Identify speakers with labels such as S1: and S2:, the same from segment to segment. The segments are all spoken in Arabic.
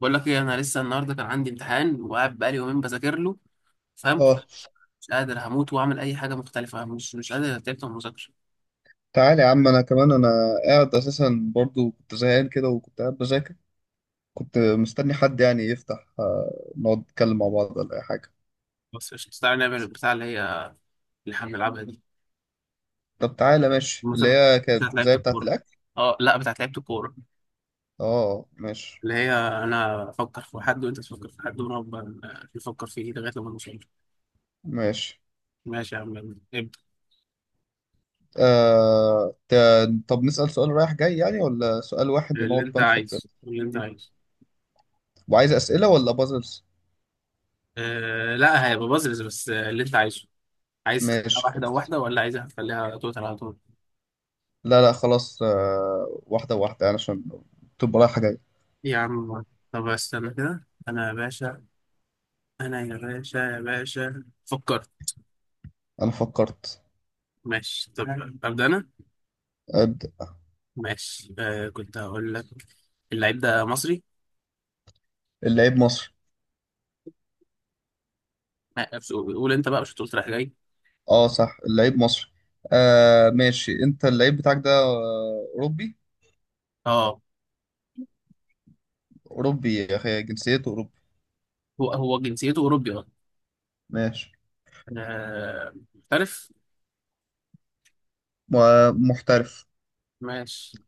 S1: بقول لك ايه، انا لسه النهارده كان عندي امتحان وقاعد بقالي يومين بذاكر له. فاهم؟
S2: اه،
S1: مش قادر، هموت واعمل اي حاجه مختلفه. مش قادر، تعبت من المذاكره.
S2: تعالى يا عم، انا كمان قاعد اساسا برضو. كنت زهقان كده وكنت قاعد بذاكر. كنت مستني حد يعني يفتح، نقعد نتكلم مع بعض ولا اي حاجه.
S1: بس قشطة، تعالى نعمل البتاع اللي هي، اللي احنا بنلعبها دي،
S2: طب تعالى ماشي، اللي
S1: المسابقه
S2: هي
S1: بتاعت
S2: كانت زي
S1: لعيبه
S2: بتاعه
S1: الكوره.
S2: الاكل.
S1: اه لا، بتاعت لعيبه الكوره
S2: اه ماشي،
S1: اللي هي انا افكر في حد وانت تفكر في حد ونقعد بقى نفكر فيه لغايه لما نوصل.
S2: ماشي.
S1: ماشي يا عم، يلا ابدا.
S2: طب نسأل سؤال رايح جاي يعني ولا سؤال واحد
S1: اللي
S2: ونقعد
S1: انت
S2: بقى نفكر
S1: عايزه، اللي انت
S2: فيه؟
S1: عايزه.
S2: وعايز اسئله ولا بازلز؟
S1: لا، هيبقى بازلز بس. اللي انت عايزه. عايز تخليها
S2: ماشي
S1: واحده
S2: خلاص.
S1: واحده ولا عايزها تخليها توتال على طول؟
S2: لا لا خلاص، واحده واحده يعني عشان تبقى رايحه جاي.
S1: يا عم، طب استنى كده، انا يا باشا، انا يا باشا يا باشا فكرت.
S2: انا فكرت.
S1: ماشي طب، ابدا انا.
S2: أبدأ.
S1: ماشي، كنت هقول لك، اللعيب ده مصري.
S2: اللعيب مصري.
S1: لا، بس قول قول انت بقى، مش هتقول رايح جاي.
S2: اه صح، اللعيب مصري. ماشي. انت اللعيب بتاعك ده اوروبي؟
S1: اه،
S2: اوروبي يا اخي، جنسيته اوروبي.
S1: هو جنسيته اوروبي، اه.
S2: ماشي.
S1: محترف.
S2: محترف.
S1: ماشي،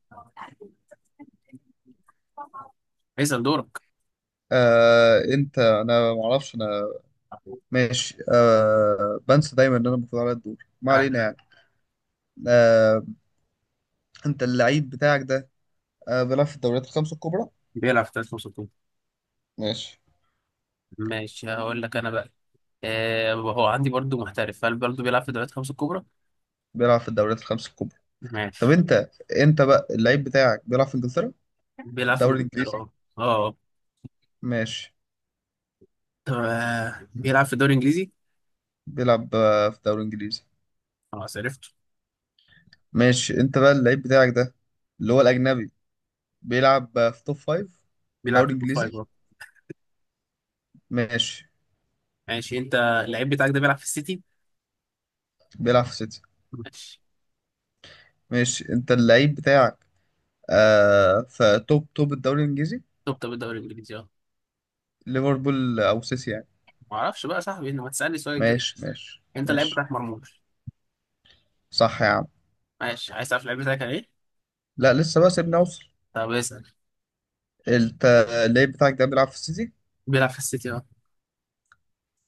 S1: اسال دورك.
S2: انت، انا ما اعرفش انا. ماشي. بنسى دايما ان انا المفروض على الدور، ما
S1: آه،
S2: علينا يعني. آه انت اللعيب بتاعك ده بيلعب في الدوريات الخمس الكبرى؟
S1: بيلعب في دوري خمسة الكبرى.
S2: ماشي.
S1: ماشي، هقول لك انا بقى، هو عندي برضو محترف. هل برضو بيلعب في دوريات خمسة الكبرى؟
S2: بيلعب في الدوريات الخمس الكبرى. طب
S1: ماشي.
S2: انت، بقى اللعيب بتاعك بيلعب في انجلترا؟
S1: بيلعب في
S2: الدوري الانجليزي؟
S1: انجلترا، اه اه.
S2: ماشي.
S1: طب، بيلعب في الدوري الانجليزي.
S2: بيلعب في الدوري الانجليزي.
S1: خلاص، عرفته.
S2: ماشي. انت بقى اللعيب بتاعك ده، اللي هو الاجنبي، بيلعب في توب فايف؟ في
S1: بيلعب
S2: الدوري
S1: في التوب
S2: الانجليزي؟
S1: فايف برضه.
S2: ماشي.
S1: ماشي، انت اللعيب بتاعك ده بيلعب في السيتي؟
S2: بيلعب في سيتي.
S1: ماشي،
S2: ماشي. انت اللعيب بتاعك في توب توب الدوري الانجليزي؟
S1: توب توب الدوري الانجليزي، اه.
S2: ليفربول او سيتي يعني.
S1: ما اعرفش بقى يا صاحبي، انت ما تسالني السؤال الجاي.
S2: ماشي ماشي
S1: انت اللعيب
S2: ماشي.
S1: بتاعك مرموش؟
S2: صح يا عم.
S1: ماشي، عايز تعرف اللعيب بتاعك كان ايه؟
S2: لا لسه بقى، سيبني اوصل.
S1: طب اسال.
S2: انت اللعيب بتاعك ده بيلعب في السيتي؟
S1: بيلعب في السيتي، اه.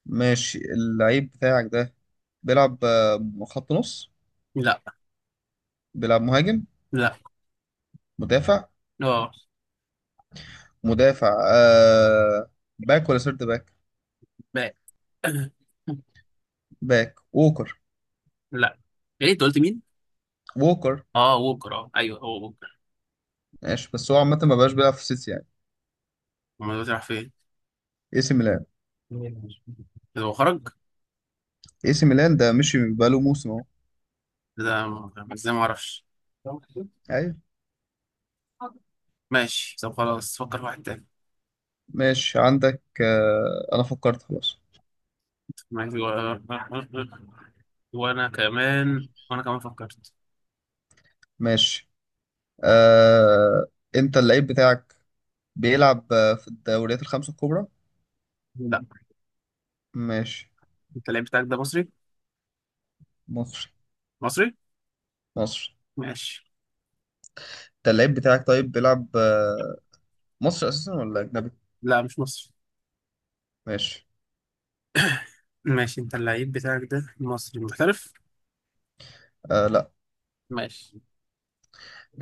S2: ماشي. اللعيب بتاعك ده بيلعب خط نص؟
S1: لا.
S2: بيلعب مهاجم؟
S1: لا.
S2: مدافع؟
S1: اه.
S2: مدافع باك ولا سيرد باك؟
S1: لا.
S2: باك ووكر.
S1: لا. ايه؟ انت قلت مين؟
S2: ووكر.
S1: اه ووكر، اه ايوه، هو ووكر.
S2: ماشي، بس هو عامة ما بقاش بيلعب في سيتي يعني.
S1: امال هو بيلعب فين؟
S2: اي سي ميلان.
S1: هو خرج.
S2: اي سي ميلان ده مشي بقاله موسم اهو.
S1: إيه ده؟ ازاي؟ ما اعرفش.
S2: ايوه.
S1: ماشي طب، خلاص فكر في واحد
S2: ماشي عندك، انا فكرت خلاص.
S1: تاني. وانا كمان فكرت.
S2: ماشي. آه انت اللعيب بتاعك بيلعب في الدوريات الخمسة الكبرى؟
S1: لا.
S2: ماشي.
S1: انت اللعيب بتاعك ده مصري؟
S2: مصر.
S1: مصري.
S2: مصر.
S1: ماشي.
S2: انت اللعيب بتاعك طيب بيلعب مصر اساسا ولا اجنبي؟
S1: لا، مش مصري.
S2: ماشي.
S1: ماشي، انت اللعيب بتاعك ده مصري محترف؟
S2: لا.
S1: ماشي.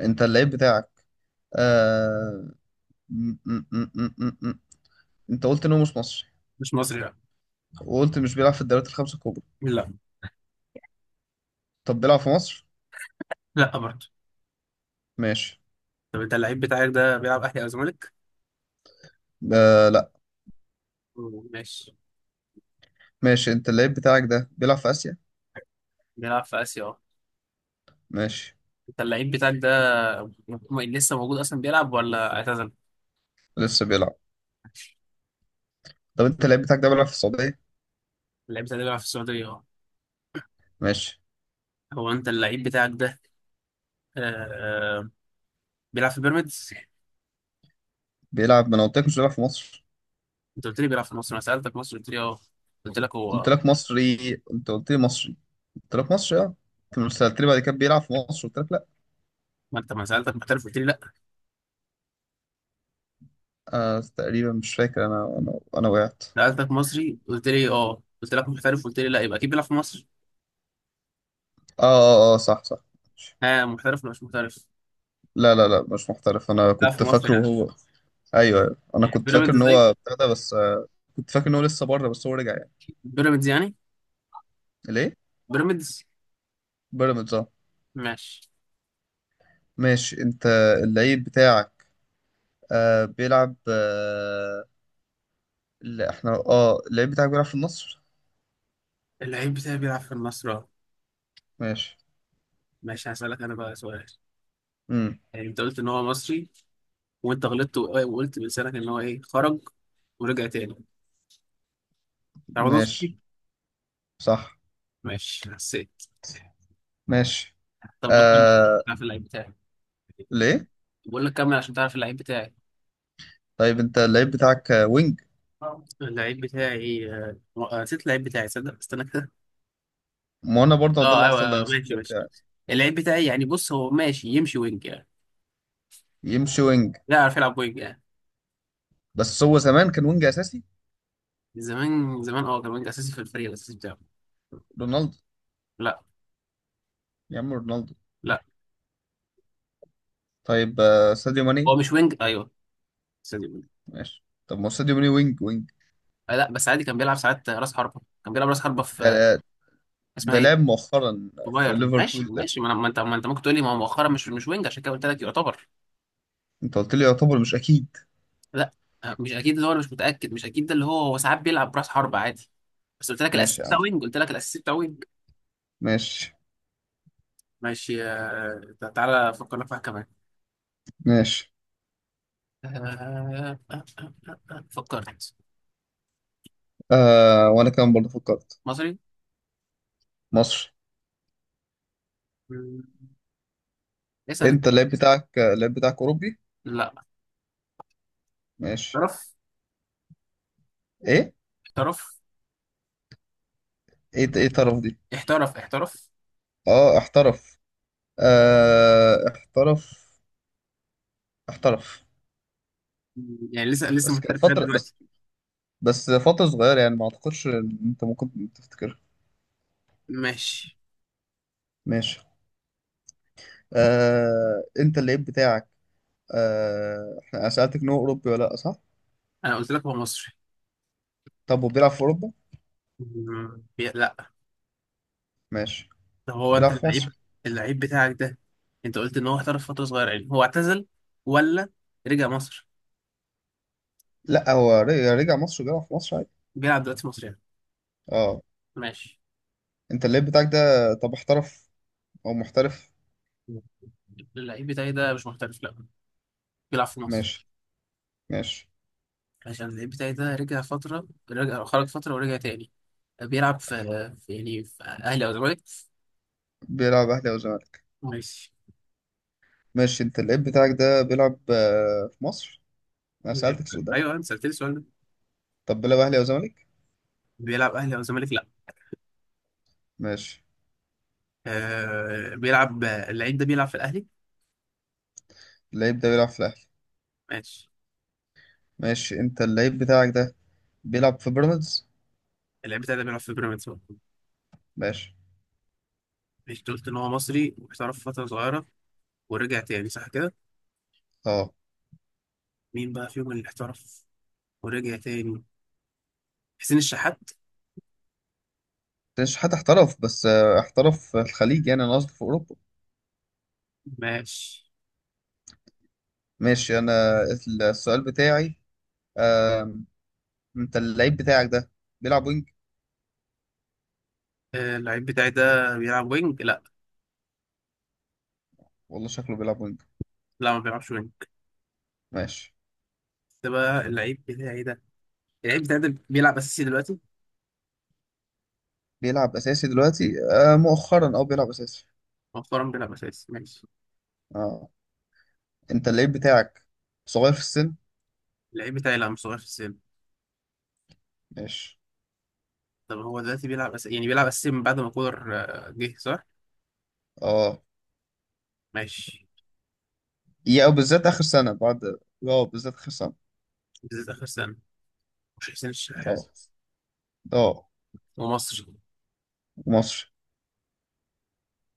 S2: انت اللعيب بتاعك آه م -م -م -م -م. م. انت قلت انه مش مصري،
S1: مش مصري، لا
S2: وقلت مش بيلعب في الدوريات الخمسة الكبرى.
S1: لا.
S2: طب بيلعب في مصر؟
S1: لا، برضه.
S2: ماشي.
S1: طب انت اللعيب بتاعك ده بيلعب اهلي او زمالك؟
S2: لا.
S1: ماشي،
S2: ماشي. انت اللعيب بتاعك ده بيلعب في اسيا؟
S1: بيلعب في اسيا، اه.
S2: ماشي.
S1: انت اللعيب بتاعك ده، لسه موجود اصلا بيلعب ولا اعتزل؟
S2: لسه بيلعب. طب انت اللعيب بتاعك ده بيلعب في السعوديه؟
S1: اللعيب بتاعك ده بيلعب في السعوديه، اه.
S2: ماشي.
S1: هو انت اللعيب بتاعك ده، آه آه، بيلعب في بيراميدز؟
S2: بيلعب. ما انا قلت لك مش بيلعب في مصر.
S1: انت قلت لي بيلعب في مصر، انا سالتك مصر قلت لي اه، قلت لك
S2: قلت
S1: هو.
S2: لك مصري، انت قلت لي مصري. قلت لك مصري اه. كنت سالت لي بعد كده بيلعب في مصر، قلت لك لا.
S1: ما انت، ما سالتك محترف قلت لي لا.
S2: تقريبا مش فاكر انا وقعت.
S1: سألتك مصري قلت لي اه، قلت لك محترف قلت لي لا، يبقى اكيد بيلعب في مصر.
S2: اه اه اه اه، صح صح. ماشي.
S1: ها، محترف ولا مش محترف؟
S2: لا لا لا، مش محترف، انا
S1: لا، في
S2: كنت
S1: مصر
S2: فاكره هو.
S1: يعني.
S2: ايوه ايوه، انا
S1: يعني
S2: كنت فاكر
S1: بيراميدز
S2: ان
S1: زي،
S2: هو بتاع ده بس، كنت فاكر ان هو لسه بره بس هو رجع يعني.
S1: بيراميدز يعني.
S2: ليه؟
S1: بيراميدز.
S2: بيراميدز اه.
S1: ماشي.
S2: ماشي. انت اللعيب بتاعك آه بيلعب آه لا احنا اه اللعيب بتاعك بيلعب في النصر؟
S1: اللعيب بتاعي بيلعب في النصر، اه.
S2: ماشي.
S1: ماشي، هسألك انا بقى سؤال.
S2: امم.
S1: يعني انت قلت ان هو مصري، وانت غلطت وقلت بلسانك ان هو ايه، خرج ورجع تاني. رمضان صبحي.
S2: ماشي. صح.
S1: ماشي. حسيت.
S2: ماشي.
S1: طب بكمل،
S2: آه
S1: تعرف اللعيب بتاعي.
S2: ليه؟
S1: بقول لك كمل عشان تعرف اللعيب بتاعي.
S2: طيب انت اللعيب بتاعك وينج؟
S1: اللعيب بتاعي، نسيت اللعيب بتاعي، صدق، استنى كده.
S2: ما انا برضه ده
S1: اه
S2: اللي
S1: ايوه،
S2: حصل، انا
S1: أيوة،
S2: نسيت
S1: ماشي
S2: اللعيب
S1: ماشي.
S2: بتاعي.
S1: اللعيب بتاعي يعني، بص هو ماشي يمشي وينج يعني.
S2: يمشي وينج.
S1: لا، يعرف يلعب وينج يعني.
S2: بس هو زمان كان وينج اساسي.
S1: زمان زمان اه، كان وينج اساسي في الفريق الاساسي بتاعه.
S2: رونالدو.
S1: لا.
S2: يا عم رونالدو.
S1: لا.
S2: طيب ساديو ماني.
S1: هو مش وينج، ايوه. استني، وينج.
S2: ماشي. طب ما هو ساديو ماني وينج وينج.
S1: لا، بس عادي، كان بيلعب ساعات راس حربه، كان بيلعب راس حربه في،
S2: ده
S1: اسمها
S2: ده
S1: ايه،
S2: لعب مؤخرا
S1: في
S2: في
S1: بايرن. ماشي
S2: ليفربول ده.
S1: ماشي. ما انت ممكن تقول لي، ما هو مؤخرا مش وينج، عشان كده قلت لك يعتبر.
S2: انت قلت لي يعتبر مش اكيد.
S1: لا، مش اكيد، اللي هو أنا مش متاكد، مش اكيد ده، اللي هو هو ساعات بيلعب راس حربه عادي. بس قلت لك
S2: ماشي
S1: الاساسي
S2: يا
S1: بتاع
S2: عم.
S1: وينج، قلت لك الاساسي بتاع وينج.
S2: ماشي
S1: ماشي، تعالى فكرنا في واحد كمان.
S2: ماشي.
S1: آه، آه، آه، فكرت.
S2: وانا كمان برضه فكرت.
S1: مصري.
S2: مصر.
S1: مم. اسأل انت.
S2: انت اللعيب بتاعك، اللعيب بتاعك اوروبي؟
S1: لا.
S2: ماشي.
S1: احترف.
S2: ايه؟
S1: احترف.
S2: ايه ايه طرف دي؟
S1: احترف. احترف.
S2: اه احترف. احترف. احترف.
S1: مم، يعني لسه
S2: بس كانت
S1: محترف لغاية
S2: فترة،
S1: دلوقتي.
S2: بس فترة صغيرة، يعني ما اعتقدش ان انت ممكن تفتكرها.
S1: ماشي.
S2: ماشي. انت اللعيب بتاعك احنا، أنا سألتك ان هو اوروبي ولا لا، صح؟
S1: انا قلت لك هو مصري.
S2: طب هو بيلعب في اوروبا؟
S1: مم. لا.
S2: ماشي.
S1: طب هو انت
S2: بيلعب في
S1: اللعيب،
S2: مصر.
S1: اللعيب بتاعك ده، انت قلت ان هو احترف فترة صغيرة، يعني هو اعتزل ولا رجع مصر؟
S2: لا، هو رجع، مصر. بيلعب في مصر عادي.
S1: بيلعب دلوقتي مصر يعني.
S2: اه.
S1: ماشي.
S2: انت اللعيب بتاعك ده طب احترف او محترف؟
S1: مم. اللعيب بتاعي ده مش محترف، لا، بيلعب في مصر.
S2: ماشي. ماشي.
S1: عشان اللعيب بتاعي ده رجع فترة، رجع، خرج فترة ورجع تاني، بيلعب في، يعني في اهلي او زمالك.
S2: بيلعب أهلي أو زمالك؟
S1: ماشي.
S2: ماشي. أنت اللعيب بتاعك ده بيلعب في مصر، أنا سألتك السؤال ده.
S1: ايوه انت سالتني السؤال ده.
S2: طب بيلعب أهلي أو زمالك؟
S1: بيلعب اهلي او زمالك، لا.
S2: ماشي.
S1: بيلعب اللعيب ده بيلعب في الاهلي.
S2: اللعيب ده بيلعب في الأهلي.
S1: ماشي.
S2: ماشي. أنت اللعيب بتاعك ده بيلعب في بيراميدز.
S1: اللعيب بتاع ده بيلعب في بيراميدز بقى.
S2: ماشي.
S1: ماشي. أنت قلت ان هو مصري واحترف فتره صغيره ورجع تاني، صح كده؟
S2: أه.
S1: مين بقى فيهم اللي احترف ورجع تاني؟ حسين الشحات.
S2: مش حد احترف بس، احترف في الخليج يعني، أنا قصدي في أوروبا.
S1: ماشي.
S2: ماشي. أنا السؤال بتاعي، آه، أنت اللعيب بتاعك ده بيلعب وينج؟
S1: اللعيب بتاعي ده بيلعب وينج، لا.
S2: والله شكله بيلعب وينج.
S1: لا، ما بيلعبش وينج.
S2: ماشي.
S1: ده بقى اللعيب بتاعي ده، اللعيب بتاعي ده بيلعب اساسي دلوقتي.
S2: بيلعب أساسي دلوقتي. مؤخرا أه بيلعب أساسي.
S1: مؤخرا بيلعب اساسي، ماشي.
S2: اه. انت اللعيب بتاعك صغير في السن؟
S1: اللعيب بتاعي لا، مش صغير في السن.
S2: ماشي.
S1: طب هو دلوقتي بيلعب يعني بيلعب أساسي من بعد ما كولر جه، صح؟
S2: اه
S1: ماشي.
S2: يا او بالذات اخر سنه بعد. اه بالذات اخر سنه.
S1: بالذات آخر سنة. مش حسين الشحات.
S2: اه. اه.
S1: ومصري.
S2: مصري.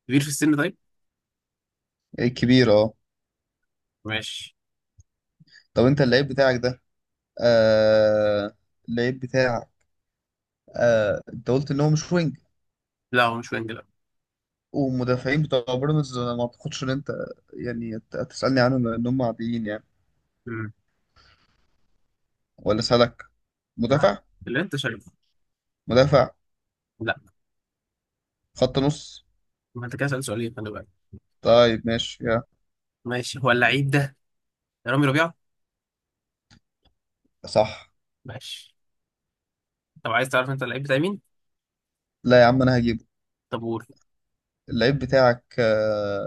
S1: كبير في السن، طيب؟
S2: لعيب كبير اه.
S1: ماشي.
S2: طب انت اللعيب بتاعك ده آه اللعيب بتاعك آه انت قلت ان هو مش وينج.
S1: لا هو مش وينج، لا.
S2: ومدافعين بتوع بيراميدز انا ما اعتقدش ان انت يعني تسالني عنهم لان هم عاديين يعني.
S1: أمم.
S2: ولا سالك.
S1: راح
S2: مدافع.
S1: اللي أنت شايفه.
S2: مدافع.
S1: لا.
S2: خط نص.
S1: ما أنت كده سألت سؤالين، خلي بالك.
S2: طيب ماشي يا.
S1: ماشي. هو اللعيب ده رامي ربيعة؟
S2: صح.
S1: ماشي. طب عايز تعرف أنت اللعيب بتاع مين؟
S2: لا يا عم انا هجيبه.
S1: طب قول.
S2: اللعيب بتاعك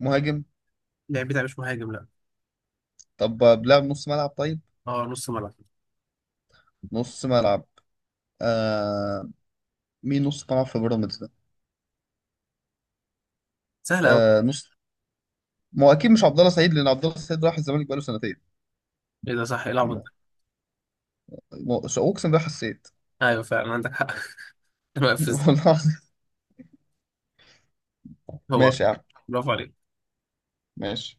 S2: مهاجم.
S1: اللعيب بتاع مش مهاجم، لا.
S2: طب بلعب نص ملعب طيب؟
S1: أه، نص ملعب.
S2: نص ملعب. آه مين نص ملعب في بيراميدز ده؟
S1: سهلة أوي.
S2: نص. ما هو اكيد مش عبد الله سعيد لان عبد الله سعيد راح الزمالك بقاله سنتين.
S1: إيه ده؟ صح، إيه العبط
S2: ما-
S1: ده؟
S2: اقسم بالله حسيت.
S1: أيوه فعلا، عندك حق. أنا واقف في الزق.
S2: والله العظيم.
S1: هو.
S2: ماشي يا عم.
S1: برافو عليك.
S2: ماشي.